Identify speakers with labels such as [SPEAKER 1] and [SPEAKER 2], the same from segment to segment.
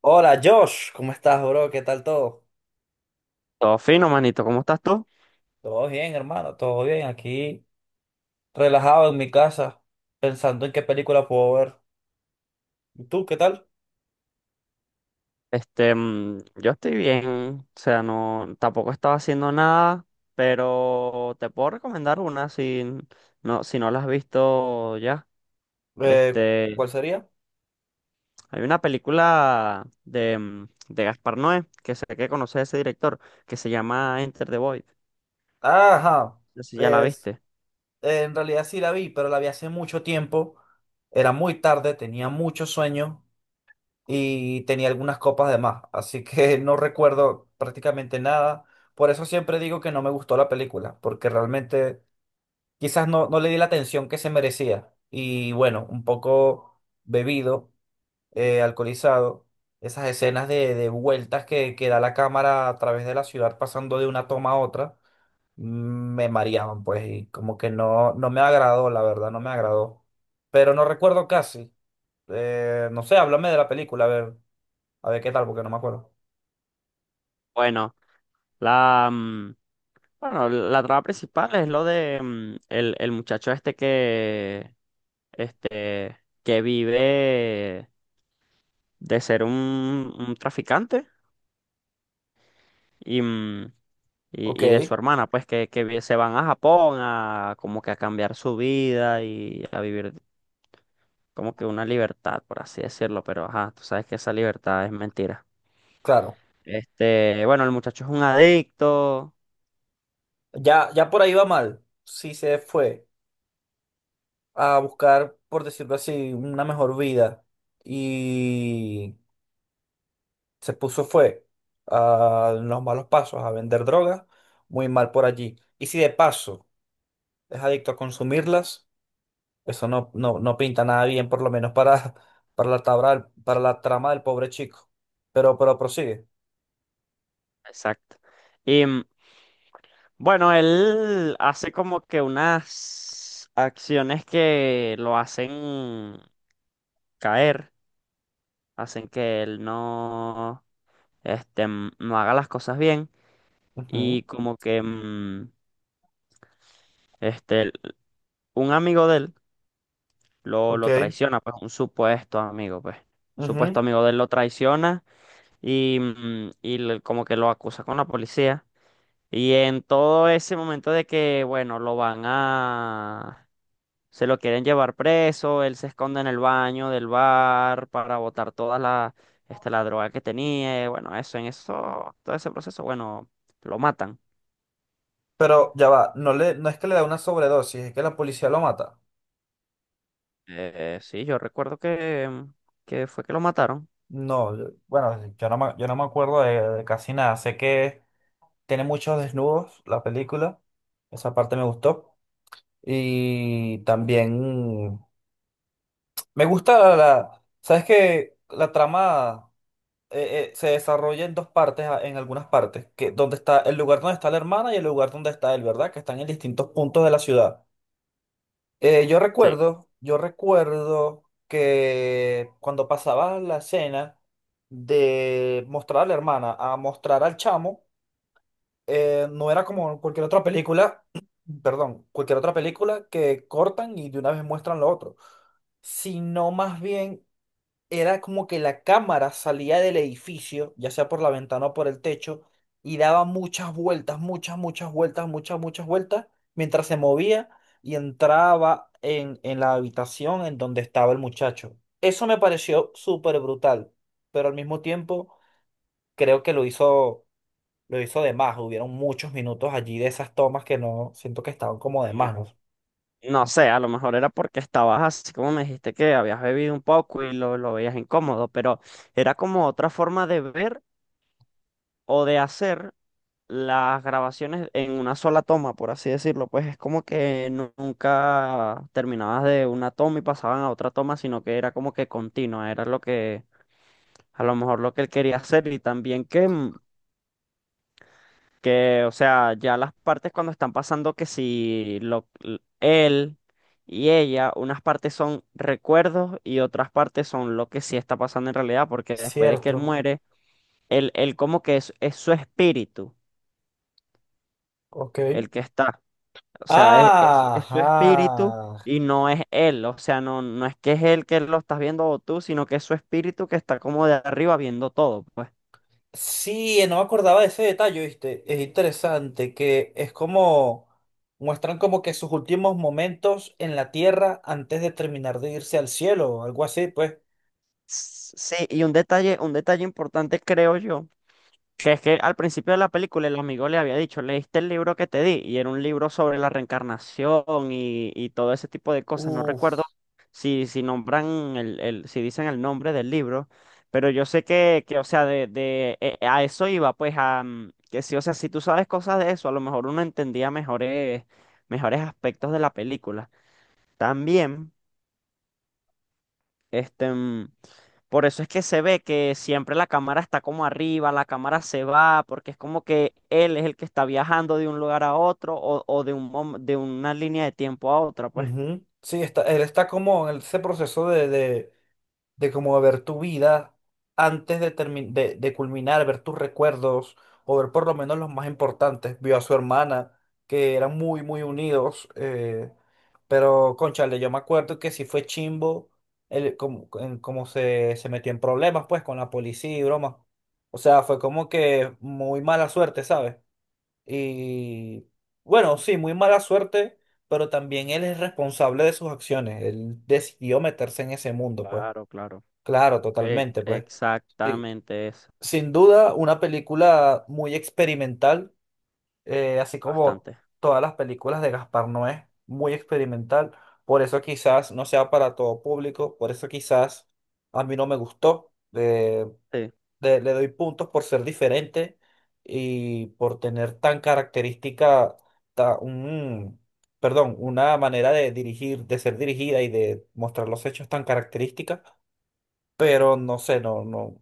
[SPEAKER 1] Hola Josh, ¿cómo estás, bro? ¿Qué tal todo?
[SPEAKER 2] Todo fino, manito. ¿Cómo estás tú?
[SPEAKER 1] Todo bien, hermano, todo bien. Aquí relajado en mi casa, pensando en qué película puedo ver. ¿Y tú, qué tal?
[SPEAKER 2] Yo estoy bien. O sea, no, tampoco estaba haciendo nada, pero te puedo recomendar una no, si no la has visto ya.
[SPEAKER 1] Eh,
[SPEAKER 2] Este,
[SPEAKER 1] ¿Cuál sería?
[SPEAKER 2] hay una película de Gaspar Noé, que sé que conoces ese director, que se llama Enter the Void.
[SPEAKER 1] Ajá,
[SPEAKER 2] No sé si ya la
[SPEAKER 1] es,
[SPEAKER 2] viste.
[SPEAKER 1] en realidad sí la vi, pero la vi hace mucho tiempo. Era muy tarde, tenía mucho sueño y tenía algunas copas de más, así que no recuerdo prácticamente nada. Por eso siempre digo que no me gustó la película, porque realmente quizás no, no le di la atención que se merecía. Y bueno, un poco bebido, alcoholizado, esas escenas de vueltas que da la cámara a través de la ciudad pasando de una toma a otra, mm, me mareaban, pues, y como que no, no me agradó, la verdad, no me agradó. Pero no recuerdo casi. No sé, háblame de la película, a ver qué tal, porque no me acuerdo.
[SPEAKER 2] Bueno. La, mm, bueno, la trama principal es lo de el muchacho este este, que vive de ser un traficante y, mm,
[SPEAKER 1] Ok,
[SPEAKER 2] y de su hermana, pues que se van a Japón a como que a cambiar su vida y a vivir como que una libertad, por así decirlo, pero ajá, tú sabes que esa libertad es mentira.
[SPEAKER 1] claro.
[SPEAKER 2] Bueno, el muchacho es un adicto.
[SPEAKER 1] Ya, ya por ahí va mal. Sí se fue a buscar, por decirlo así, una mejor vida y se puso fue a los malos pasos, a vender drogas, muy mal por allí. Y si de paso es adicto a consumirlas, eso no, no, no pinta nada bien, por lo menos para, para para la trama del pobre chico. Pero prosigue.
[SPEAKER 2] Exacto. Bueno, él hace como que unas acciones que lo hacen caer, hacen que él no, no haga las cosas bien
[SPEAKER 1] Ujú,
[SPEAKER 2] y como que este, el- un amigo de él lo,
[SPEAKER 1] ok.
[SPEAKER 2] lo traiciona, pues un supuesto amigo, pues,
[SPEAKER 1] Ujú.
[SPEAKER 2] supuesto amigo de él lo traiciona y como que lo acusa con la policía. Y en todo ese momento de que, bueno, lo van a. Se lo quieren llevar preso, él se esconde en el baño del bar para botar toda la droga que tenía. Y bueno, eso, en eso, todo ese proceso, bueno, lo matan.
[SPEAKER 1] Pero ya va, no es que le da una sobredosis, es que la policía lo mata.
[SPEAKER 2] Sí, yo recuerdo que fue que lo mataron.
[SPEAKER 1] No, bueno, yo no me acuerdo de casi nada. Sé que tiene muchos desnudos la película. Esa parte me gustó. Y también me gusta ¿Sabes que la trama se desarrolla en dos partes, en algunas partes, que donde está el lugar donde está la hermana y el lugar donde está él, ¿verdad? Que están en distintos puntos de la ciudad. Yo
[SPEAKER 2] Sí.
[SPEAKER 1] recuerdo, yo recuerdo que cuando pasaba la escena de mostrar a la hermana a mostrar al chamo, no era como cualquier otra película, perdón, cualquier otra película que cortan y de una vez muestran lo otro, sino más bien era como que la cámara salía del edificio, ya sea por la ventana o por el techo, y daba muchas vueltas, muchas, muchas vueltas, muchas, muchas vueltas, mientras se movía y entraba en la habitación en donde estaba el muchacho. Eso me pareció súper brutal, pero al mismo tiempo creo que lo hizo de más. Hubieron muchos minutos allí de esas tomas que no siento que estaban como de más, ¿no?
[SPEAKER 2] Y no sé, a lo mejor era porque estabas así como me dijiste que habías bebido un poco y lo veías incómodo, pero era como otra forma de ver o de hacer las grabaciones en una sola toma, por así decirlo, pues es como que nunca terminabas de una toma y pasaban a otra toma, sino que era como que continua, era lo que a lo mejor lo que él quería hacer y también que o sea, ya las partes cuando están pasando que si él y ella, unas partes son recuerdos y otras partes son lo que sí está pasando en realidad, porque después de que él
[SPEAKER 1] Cierto.
[SPEAKER 2] muere, él como que es su espíritu
[SPEAKER 1] Ok.
[SPEAKER 2] el que está. O sea, es su espíritu
[SPEAKER 1] Ajá.
[SPEAKER 2] y no es él. O sea, no, no es que es él que lo estás viendo o tú, sino que es su espíritu que está como de arriba viendo todo, pues.
[SPEAKER 1] Sí, no me acordaba de ese detalle, ¿viste? Es interesante que es como muestran como que sus últimos momentos en la tierra antes de terminar de irse al cielo o algo así, pues.
[SPEAKER 2] Sí, y un detalle importante creo yo que es que al principio de la película el amigo le había dicho, ¿leíste el libro que te di? Y era un libro sobre la reencarnación y todo ese tipo de cosas. No
[SPEAKER 1] Uf.
[SPEAKER 2] recuerdo si nombran si dicen el nombre del libro, pero yo sé que o sea, de, a eso iba, pues a que sí, o sea, si tú sabes cosas de eso, a lo mejor uno entendía mejores, mejores aspectos de la película. También. Este, mm, por eso es que se ve que siempre la cámara está como arriba, la cámara se va, porque es como que él es el que está viajando de un lugar a otro o de de una línea de tiempo a otra, pues.
[SPEAKER 1] Ujú. Sí, él está como en ese proceso de como ver tu vida antes de culminar, ver tus recuerdos o ver por lo menos los más importantes. Vio a su hermana, que eran muy, muy unidos, pero cónchale, yo me acuerdo que sí fue chimbo como se metió en problemas pues con la policía y broma. O sea, fue como que muy mala suerte, ¿sabes? Y bueno, sí, muy mala suerte, pero también él es responsable de sus acciones. Él decidió meterse en ese mundo, pues.
[SPEAKER 2] Claro, claro.
[SPEAKER 1] Claro,
[SPEAKER 2] Ex-
[SPEAKER 1] totalmente, pues. Sí.
[SPEAKER 2] exactamente eso.
[SPEAKER 1] Sin duda, una película muy experimental, así como
[SPEAKER 2] Bastante.
[SPEAKER 1] todas las películas de Gaspar Noé, muy experimental. Por eso quizás no sea para todo público, por eso quizás a mí no me gustó.
[SPEAKER 2] Sí,
[SPEAKER 1] Le doy puntos por ser diferente y por tener tan característica, ta- un, perdón, una manera de dirigir, de ser dirigida y de mostrar los hechos tan característica, pero no sé, no, no,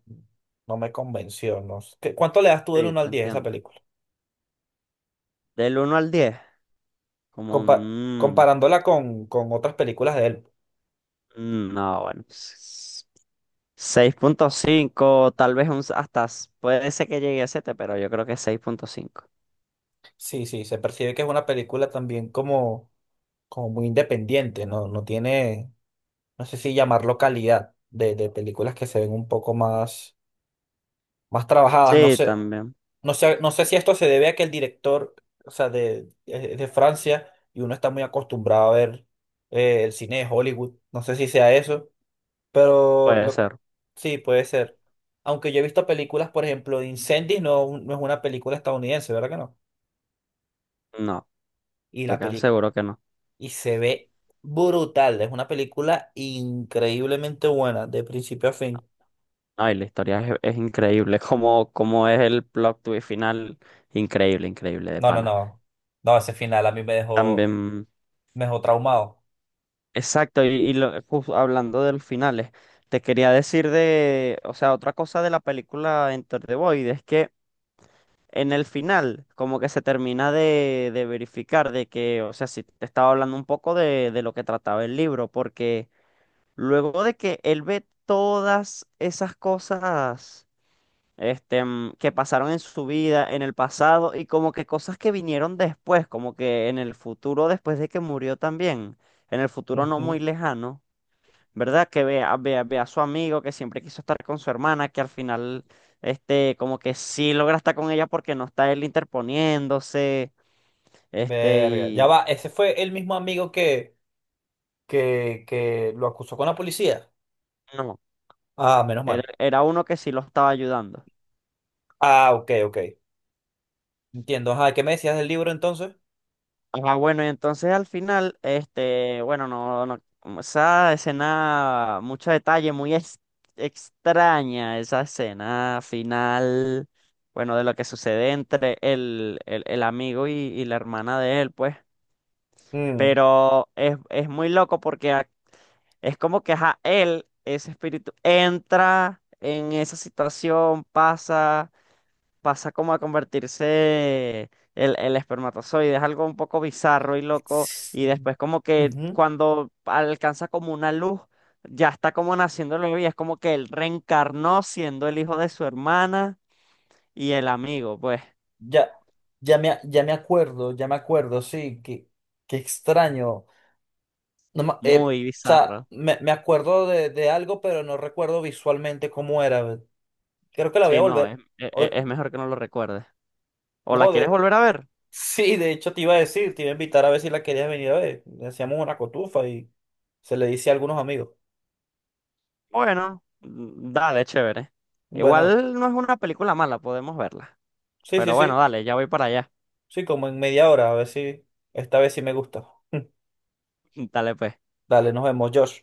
[SPEAKER 1] no me convenció. No sé. ¿Cuánto le das tú del
[SPEAKER 2] sí,
[SPEAKER 1] uno
[SPEAKER 2] te
[SPEAKER 1] al 10 a esa
[SPEAKER 2] entiendo.
[SPEAKER 1] película?
[SPEAKER 2] Del 1 al 10 como
[SPEAKER 1] Compa- comparándola con otras películas de él.
[SPEAKER 2] no, bueno. Seis punto cinco tal vez hasta puede ser que llegue a siete, pero yo creo que 6,5.
[SPEAKER 1] Sí, sí, se percibe que es una película también como, muy independiente, ¿no? No tiene, no sé si llamarlo calidad de películas que se ven un poco más trabajadas. No
[SPEAKER 2] Sí,
[SPEAKER 1] sé,
[SPEAKER 2] también
[SPEAKER 1] no sé, no sé si esto se debe a que el director, o sea, es de Francia, y uno está muy acostumbrado a ver el cine de Hollywood. No sé si sea eso. Pero
[SPEAKER 2] puede ser.
[SPEAKER 1] sí, puede ser. Aunque yo he visto películas, por ejemplo, de Incendies, no, no es una película estadounidense, ¿verdad que no?
[SPEAKER 2] No,
[SPEAKER 1] Y
[SPEAKER 2] estoy
[SPEAKER 1] la
[SPEAKER 2] casi
[SPEAKER 1] peli...
[SPEAKER 2] seguro que no.
[SPEAKER 1] y se ve brutal. Es una película increíblemente buena, de principio a fin.
[SPEAKER 2] Ay, la historia es increíble. Como es el plot twist final. Increíble, increíble, de
[SPEAKER 1] No, no,
[SPEAKER 2] pana.
[SPEAKER 1] no. No, ese final a mí me dejó,
[SPEAKER 2] También,
[SPEAKER 1] me dejó traumado.
[SPEAKER 2] exacto, y hablando de los finales, te quería decir de, o sea, otra cosa de la película Enter the Void es que en el final, como que se termina de verificar de que, o sea, si te estaba hablando un poco de lo que trataba el libro, porque luego de que él ve todas esas cosas. Que pasaron en su vida, en el pasado, y como que cosas que vinieron después, como que en el futuro, después de que murió también, en el futuro no
[SPEAKER 1] Ujú.
[SPEAKER 2] muy lejano, ¿verdad? Que vea, vea, vea a su amigo que siempre quiso estar con su hermana, que al final, como que sí logra estar con ella porque no está él interponiéndose, este,
[SPEAKER 1] Verga. Ya
[SPEAKER 2] y
[SPEAKER 1] va, ese fue el mismo amigo que lo acusó con la policía.
[SPEAKER 2] no,
[SPEAKER 1] Ah, menos
[SPEAKER 2] era,
[SPEAKER 1] mal.
[SPEAKER 2] era uno que sí lo estaba ayudando.
[SPEAKER 1] Ah, ok, ok. Entiendo. Ajá, ¿qué me decías del libro entonces?
[SPEAKER 2] Ah, bueno, y entonces al final, bueno, no, no, como esa escena, mucho detalle, muy extraña, esa escena final, bueno, de lo que sucede entre el amigo y la hermana de él, pues, pero es muy loco porque es como que a él, ese espíritu, entra en esa situación, pasa como a convertirse el espermatozoide, es algo un poco bizarro y loco, y después como que
[SPEAKER 1] Ujú.
[SPEAKER 2] cuando alcanza como una luz, ya está como naciendo el bebé, y es como que él reencarnó siendo el hijo de su hermana y el amigo, pues
[SPEAKER 1] Ya, ya me acuerdo, sí, qué extraño. No,
[SPEAKER 2] muy
[SPEAKER 1] o sea,
[SPEAKER 2] bizarro.
[SPEAKER 1] me acuerdo de algo, pero no recuerdo visualmente cómo era. Creo que la voy a
[SPEAKER 2] Sí, no, es,
[SPEAKER 1] volver.
[SPEAKER 2] e-
[SPEAKER 1] o-
[SPEAKER 2] e- es mejor que no lo recuerdes. ¿O la
[SPEAKER 1] no,
[SPEAKER 2] quieres volver a ver?
[SPEAKER 1] sí, de hecho te iba a decir, te iba a invitar a ver si la querías venir a ver. Hacíamos una cotufa y se le dice a algunos amigos.
[SPEAKER 2] Bueno, dale, chévere.
[SPEAKER 1] Bueno,
[SPEAKER 2] Igual no es una película mala, podemos verla.
[SPEAKER 1] sí, sí,
[SPEAKER 2] Pero bueno,
[SPEAKER 1] sí,
[SPEAKER 2] dale, ya voy para allá.
[SPEAKER 1] sí, como en media hora, a ver si esta vez sí me gusta.
[SPEAKER 2] Dale, pues.
[SPEAKER 1] Dale, nos vemos, Josh.